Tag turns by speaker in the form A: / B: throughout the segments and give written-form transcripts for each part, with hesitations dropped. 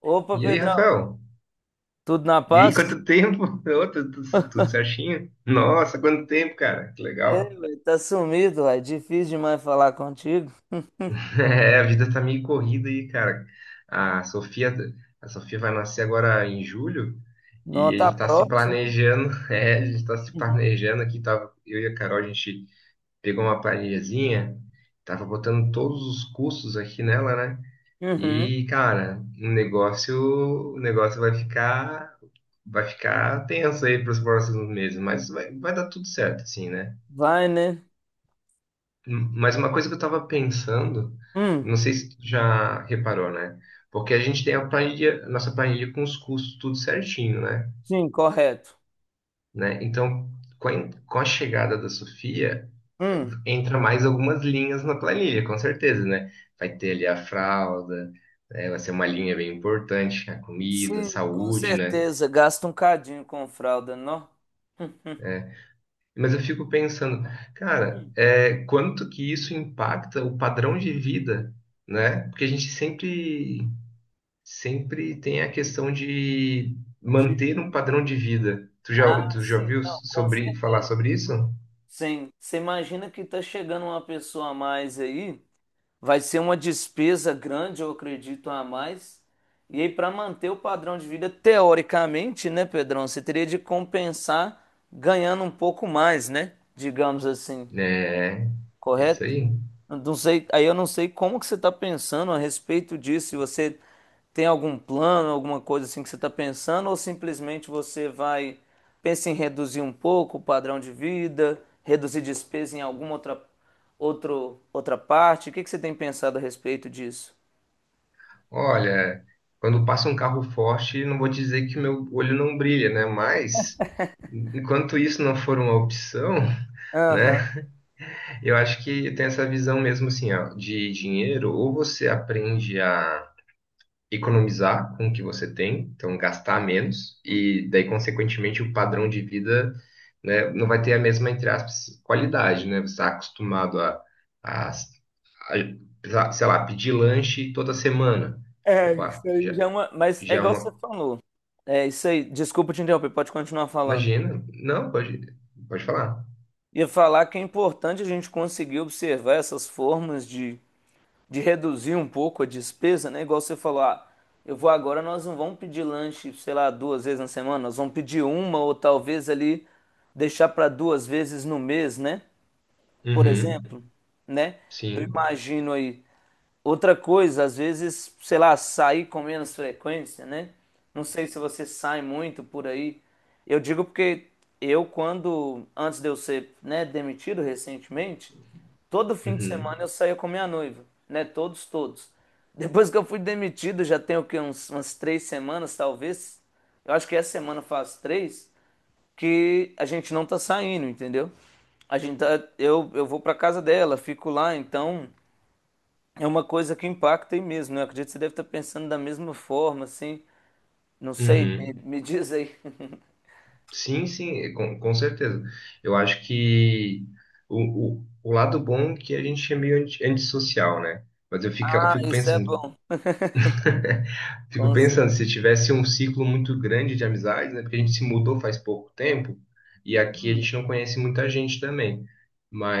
A: Opa,
B: E aí,
A: Pedrão,
B: Rafael?
A: tudo na
B: E aí,
A: paz?
B: quanto tempo? Ô, tudo, tudo certinho? Nossa, quanto tempo, cara. Que
A: É,
B: legal.
A: velho, tá sumido, ué. Difícil demais falar contigo.
B: É, a vida tá meio corrida aí, cara. A Sofia, a Sofia vai nascer agora em julho e a
A: Nota
B: gente tá se
A: próxima.
B: planejando. É, a gente tá se
A: Uhum.
B: planejando aqui. Tava, eu e a Carol, a gente pegou uma planilhazinha, tava botando todos os custos aqui nela, né?
A: Uhum.
B: E, cara, o negócio vai ficar. Vai ficar tenso aí para os próximos meses, mas vai dar tudo certo, assim, né?
A: Vai, né?
B: Mas uma coisa que eu estava pensando,
A: Hum,
B: não sei se tu já reparou, né? Porque a gente tem a planilha, nossa planilha com os custos tudo certinho, né?
A: sim, correto.
B: Né? Então, com a chegada da Sofia,
A: Hum,
B: entra mais algumas linhas na planilha, com certeza, né? Vai ter ali a fralda, né? Vai ser uma linha bem importante, a comida,
A: sim, com
B: saúde, né?
A: certeza. Gasta um cadinho com fralda, não? Uhum.
B: É, mas eu fico pensando, cara, quanto que isso impacta o padrão de vida, né? Porque a gente sempre tem a questão de
A: De...
B: manter um padrão de vida. Tu já,
A: Ah,
B: tu já
A: sim,
B: ouviu
A: não, com
B: sobre, falar
A: certeza.
B: sobre isso?
A: Sim, você imagina que tá chegando uma pessoa a mais aí. Vai ser uma despesa grande, eu acredito, a mais. E aí, para manter o padrão de vida, teoricamente, né, Pedrão? Você teria de compensar ganhando um pouco mais, né? Digamos assim,
B: É, isso
A: correto?
B: aí.
A: Não sei, aí eu não sei como que você está pensando a respeito disso, se você tem algum plano, alguma coisa assim que você está pensando, ou simplesmente você vai, pensa em reduzir um pouco o padrão de vida, reduzir despesa em alguma outra parte. O que que você tem pensado a respeito disso?
B: Olha, quando passa um carro forte, não vou dizer que meu olho não brilha, né? Mas, enquanto isso não for uma opção,
A: Aham.
B: né? Eu acho que tem essa visão mesmo assim, ó, de dinheiro, ou você aprende a economizar com o que você tem, então gastar menos, e daí, consequentemente, o padrão de vida, né, não vai ter a mesma, entre aspas, qualidade, né? Você está acostumado a, sei lá, pedir lanche toda semana.
A: É, isso
B: Opa,
A: aí
B: já,
A: já é uma. Mas é
B: já é
A: igual você
B: uma.
A: falou. É isso aí. Desculpa te interromper, pode continuar falando.
B: Imagina, não, pode falar.
A: Ia falar que é importante a gente conseguir observar essas formas de reduzir um pouco a despesa, né? Igual você falou, ah, eu vou agora, nós não vamos pedir lanche, sei lá, duas vezes na semana, nós vamos pedir uma ou talvez ali deixar para duas vezes no mês, né? Por
B: Uhum,
A: exemplo, né? Eu
B: sim,
A: imagino aí, outra coisa, às vezes, sei lá, sair com menos frequência, né? Não sei se você sai muito por aí. Eu digo porque eu, quando, antes de eu ser, né, demitido recentemente, todo fim de
B: uhum,
A: semana eu saía com minha noiva, né? Todos, todos. Depois que eu fui demitido, já tem o quê? Umas 3 semanas, talvez. Eu acho que essa semana faz três, que a gente não tá saindo, entendeu? A gente tá, eu vou pra casa dela, fico lá, então. É uma coisa que impacta aí mesmo, né? Eu acredito que você deve estar pensando da mesma forma, assim. Não sei, me,
B: uhum.
A: me diz aí.
B: Sim, sim, é, com certeza. Eu acho que o lado bom é que a gente é meio antissocial, né? Mas eu fico, eu
A: Ah,
B: fico
A: isso é
B: pensando,
A: bom. Com certeza.
B: se tivesse um ciclo muito grande de amizades, né? Porque a gente se mudou faz pouco tempo e aqui a
A: Hum,
B: gente não conhece muita gente também.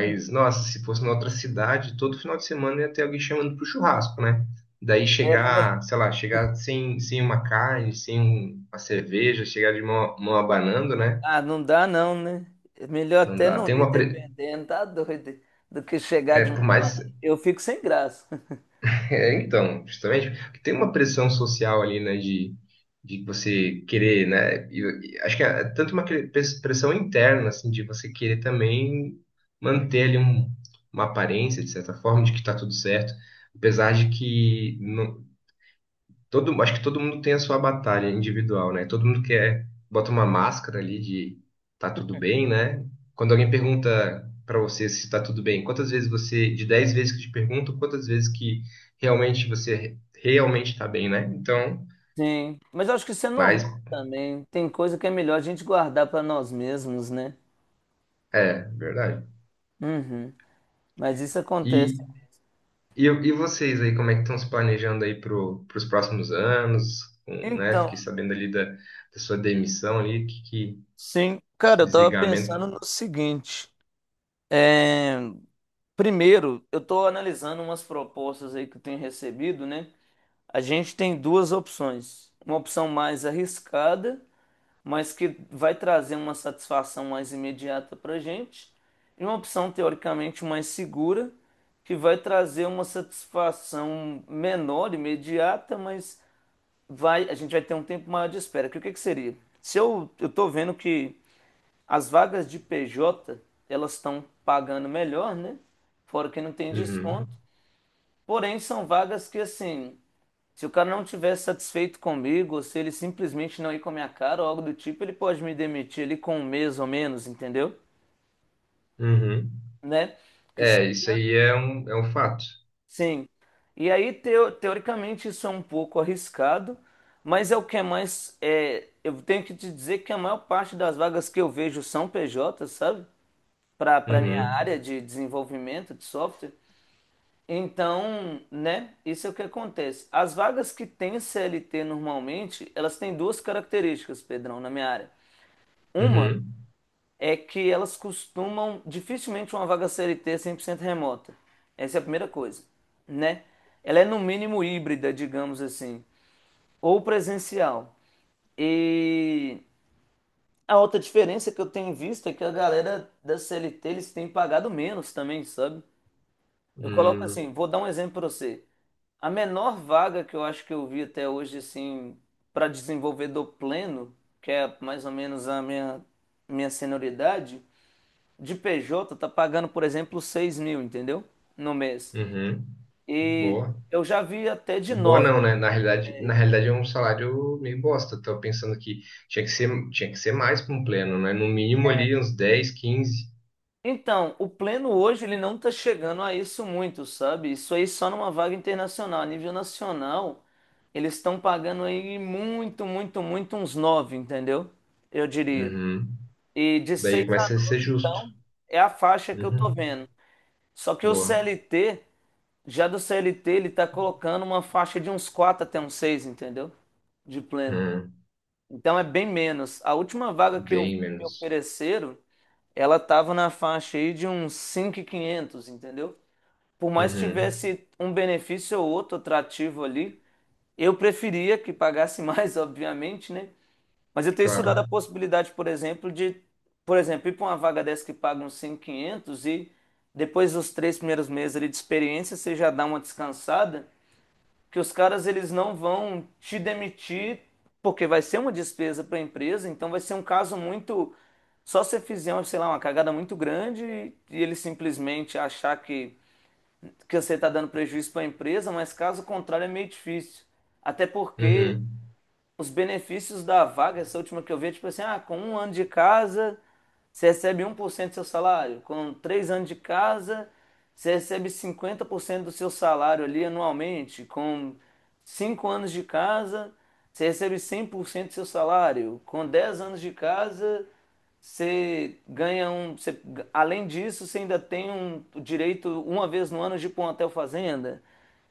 A: é.
B: nossa, se fosse em outra cidade, todo final de semana ia ter alguém chamando pro churrasco, né? Daí
A: Era, né?
B: chegar, sei lá, chegar sem uma carne, sem uma cerveja, chegar de mão abanando, né?
A: Ah, não dá não, né? É melhor
B: Não
A: até
B: dá.
A: não
B: Tem
A: ir,
B: uma.
A: dependendo, tá doido, do que chegar
B: É,
A: de uma
B: por mais.
A: banana. Eu fico sem graça.
B: É, então, justamente, porque tem uma pressão social ali, né, de você querer, né? E acho que é tanto uma pressão interna, assim, de você querer também manter ali uma aparência, de certa forma, de que tá tudo certo, apesar de que acho que todo mundo tem a sua batalha individual, né? Todo mundo quer, bota uma máscara ali de tá tudo bem, né? Quando alguém pergunta pra você se tá tudo bem, quantas vezes você, de 10 vezes que te perguntam, quantas vezes que realmente você realmente tá bem, né? Então,
A: Sim, mas eu acho que isso é normal
B: mas
A: também. Tem coisa que é melhor a gente guardar para nós mesmos, né?
B: é, verdade.
A: Uhum. Mas isso acontece.
B: E, e vocês aí, como é que estão se planejando aí pros próximos anos, né? Fiquei
A: Então,
B: sabendo ali da sua demissão ali, que
A: sim, cara,
B: esse
A: eu tava
B: desligamento.
A: pensando no seguinte. É, primeiro, eu estou analisando umas propostas aí que eu tenho recebido, né? A gente tem duas opções. Uma opção mais arriscada, mas que vai trazer uma satisfação mais imediata para a gente, e uma opção teoricamente mais segura, que vai trazer uma satisfação menor, imediata, mas vai, a gente vai ter um tempo maior de espera. Que o que que seria? Se eu, eu tô vendo que as vagas de PJ, elas estão pagando melhor, né? Fora que não tem
B: Uhum.
A: desconto. Porém, são vagas que, assim, se o cara não estiver satisfeito comigo, ou se ele simplesmente não ir com a minha cara ou algo do tipo, ele pode me demitir ali com um mês ou menos, entendeu?
B: Uhum.
A: Né? Porque se-
B: É, isso aí é um, fato.
A: Sim. E aí, teoricamente, isso é um pouco arriscado, mas é o que é mais. É, eu tenho que te dizer que a maior parte das vagas que eu vejo são PJ, sabe? Para minha
B: Uhum,
A: área de desenvolvimento de software. Então, né, isso é o que acontece. As vagas que têm CLT normalmente, elas têm duas características, Pedrão, na minha área. Uma
B: uhum,
A: é que elas dificilmente uma vaga CLT é 100% remota. Essa é a primeira coisa, né? Ela é no mínimo híbrida, digamos assim, ou presencial. E a outra diferença que eu tenho visto é que a galera da CLT, eles têm pagado menos também, sabe? Eu coloco
B: hum,
A: assim, vou dar um exemplo para você. A menor vaga que eu acho que eu vi até hoje, assim, para desenvolvedor pleno, que é mais ou menos a minha senioridade, de PJ tá pagando, por exemplo, 6.000, entendeu? No mês.
B: uhum.
A: E
B: Boa.
A: eu já vi até de
B: Boa
A: 9. Pra
B: não, né?
A: você ter uma
B: Na
A: ideia.
B: realidade é um salário meio bosta. Tô pensando que tinha que ser mais para um pleno, né? No mínimo ali uns 10, 15.
A: Então, o pleno hoje ele não está chegando a isso muito, sabe? Isso aí só numa vaga internacional. A nível nacional, eles estão pagando aí muito, muito, muito uns nove, entendeu? Eu diria.
B: Uhum.
A: E de seis
B: Daí
A: a
B: começa a ser
A: nove,
B: justo.
A: então, é a faixa que eu tô
B: Uhum.
A: vendo. Só que o
B: Boa.
A: CLT, já do CLT, ele tá colocando uma faixa de uns quatro até uns seis, entendeu? De pleno.
B: Uhum.
A: Então é bem menos. A última vaga que eu
B: Bem
A: me
B: menos.
A: ofereceram ela tava na faixa aí de uns 5.500, entendeu? Por mais que
B: Uhum.
A: tivesse um benefício ou outro atrativo ali, eu preferia que pagasse mais, obviamente, né? Mas eu tenho estudado
B: Claro.
A: a possibilidade, por exemplo, de, por exemplo, ir para uma vaga dessa que paga uns 5.500 e depois dos três primeiros meses ali de experiência, você já dá uma descansada que os caras eles não vão te demitir porque vai ser uma despesa para a empresa, então vai ser um caso muito só se fizer, sei lá, uma cagada muito grande e ele simplesmente achar que você está dando prejuízo para a empresa, mas caso contrário é meio difícil. Até porque
B: Uhum.
A: os benefícios da vaga, essa última que eu vi, é tipo assim, ah, com 1 ano de casa, você recebe 1% do seu salário. Com 3 anos de casa, você recebe 50% do seu salário ali anualmente. Com 5 anos de casa, você recebe 100% do seu salário. Com 10 anos de casa, você ganha um... você- além disso, você ainda tem o direito, uma vez no ano, de ir para um hotel fazenda.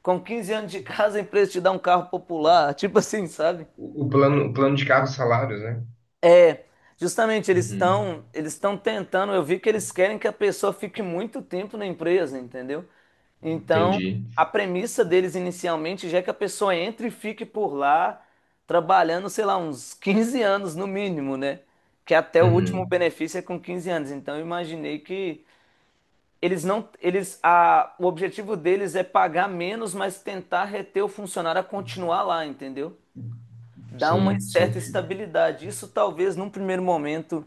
A: Com 15 anos de casa, a empresa te dá um carro popular. Tipo assim, sabe?
B: O plano de carros salários, né?
A: É, justamente
B: Uhum.
A: eles estão tentando, eu vi que eles querem que a pessoa fique muito tempo na empresa, entendeu? Então,
B: Entendi.
A: a premissa deles inicialmente já é que a pessoa entre e fique por lá trabalhando, sei lá, uns 15 anos no mínimo, né? Que até o último
B: Uhum.
A: benefício é com 15 anos. Então, eu imaginei que eles não eles a o objetivo deles é pagar menos, mas tentar reter o funcionário a continuar lá, entendeu? Dá uma
B: Sim, sim.
A: certa estabilidade. Isso talvez num primeiro momento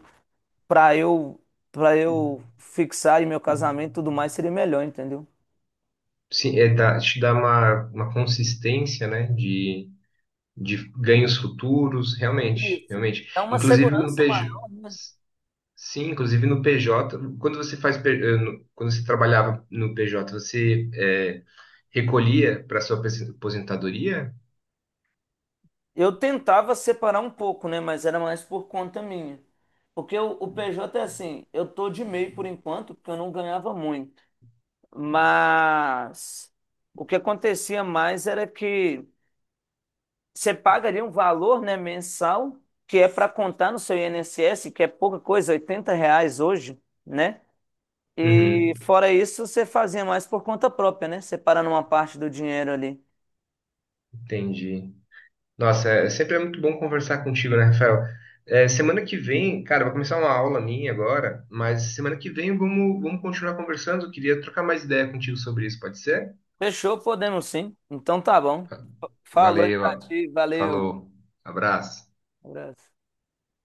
A: para eu para eu fixar em meu casamento e tudo mais seria melhor, entendeu?
B: Sim, te dá uma consistência, né, de ganhos futuros, realmente,
A: Isso.
B: realmente.
A: Dá uma
B: Inclusive no
A: segurança
B: PJ,
A: maior, né?
B: quando você trabalhava no PJ, você recolhia para sua aposentadoria?
A: Eu tentava separar um pouco, né? Mas era mais por conta minha. Porque o PJ é assim, eu tô de MEI por enquanto, porque eu não ganhava muito. Mas o que acontecia mais era que você paga ali um valor, né, mensal, que é para contar no seu INSS, que é pouca coisa, R$ 80 hoje, né? E
B: Uhum,
A: fora isso, você fazia mais por conta própria, né? Separando uma parte do dinheiro ali.
B: entendi. Nossa, sempre é muito bom conversar contigo, né, Rafael? Semana que vem, cara, vai começar uma aula minha agora, mas semana que vem vamos continuar conversando. Eu queria trocar mais ideia contigo sobre isso, pode ser?
A: Fechou, podemos sim. Então tá bom. Falou aí pra
B: Valeu,
A: ti, valeu.
B: falou, abraço.
A: Abraço.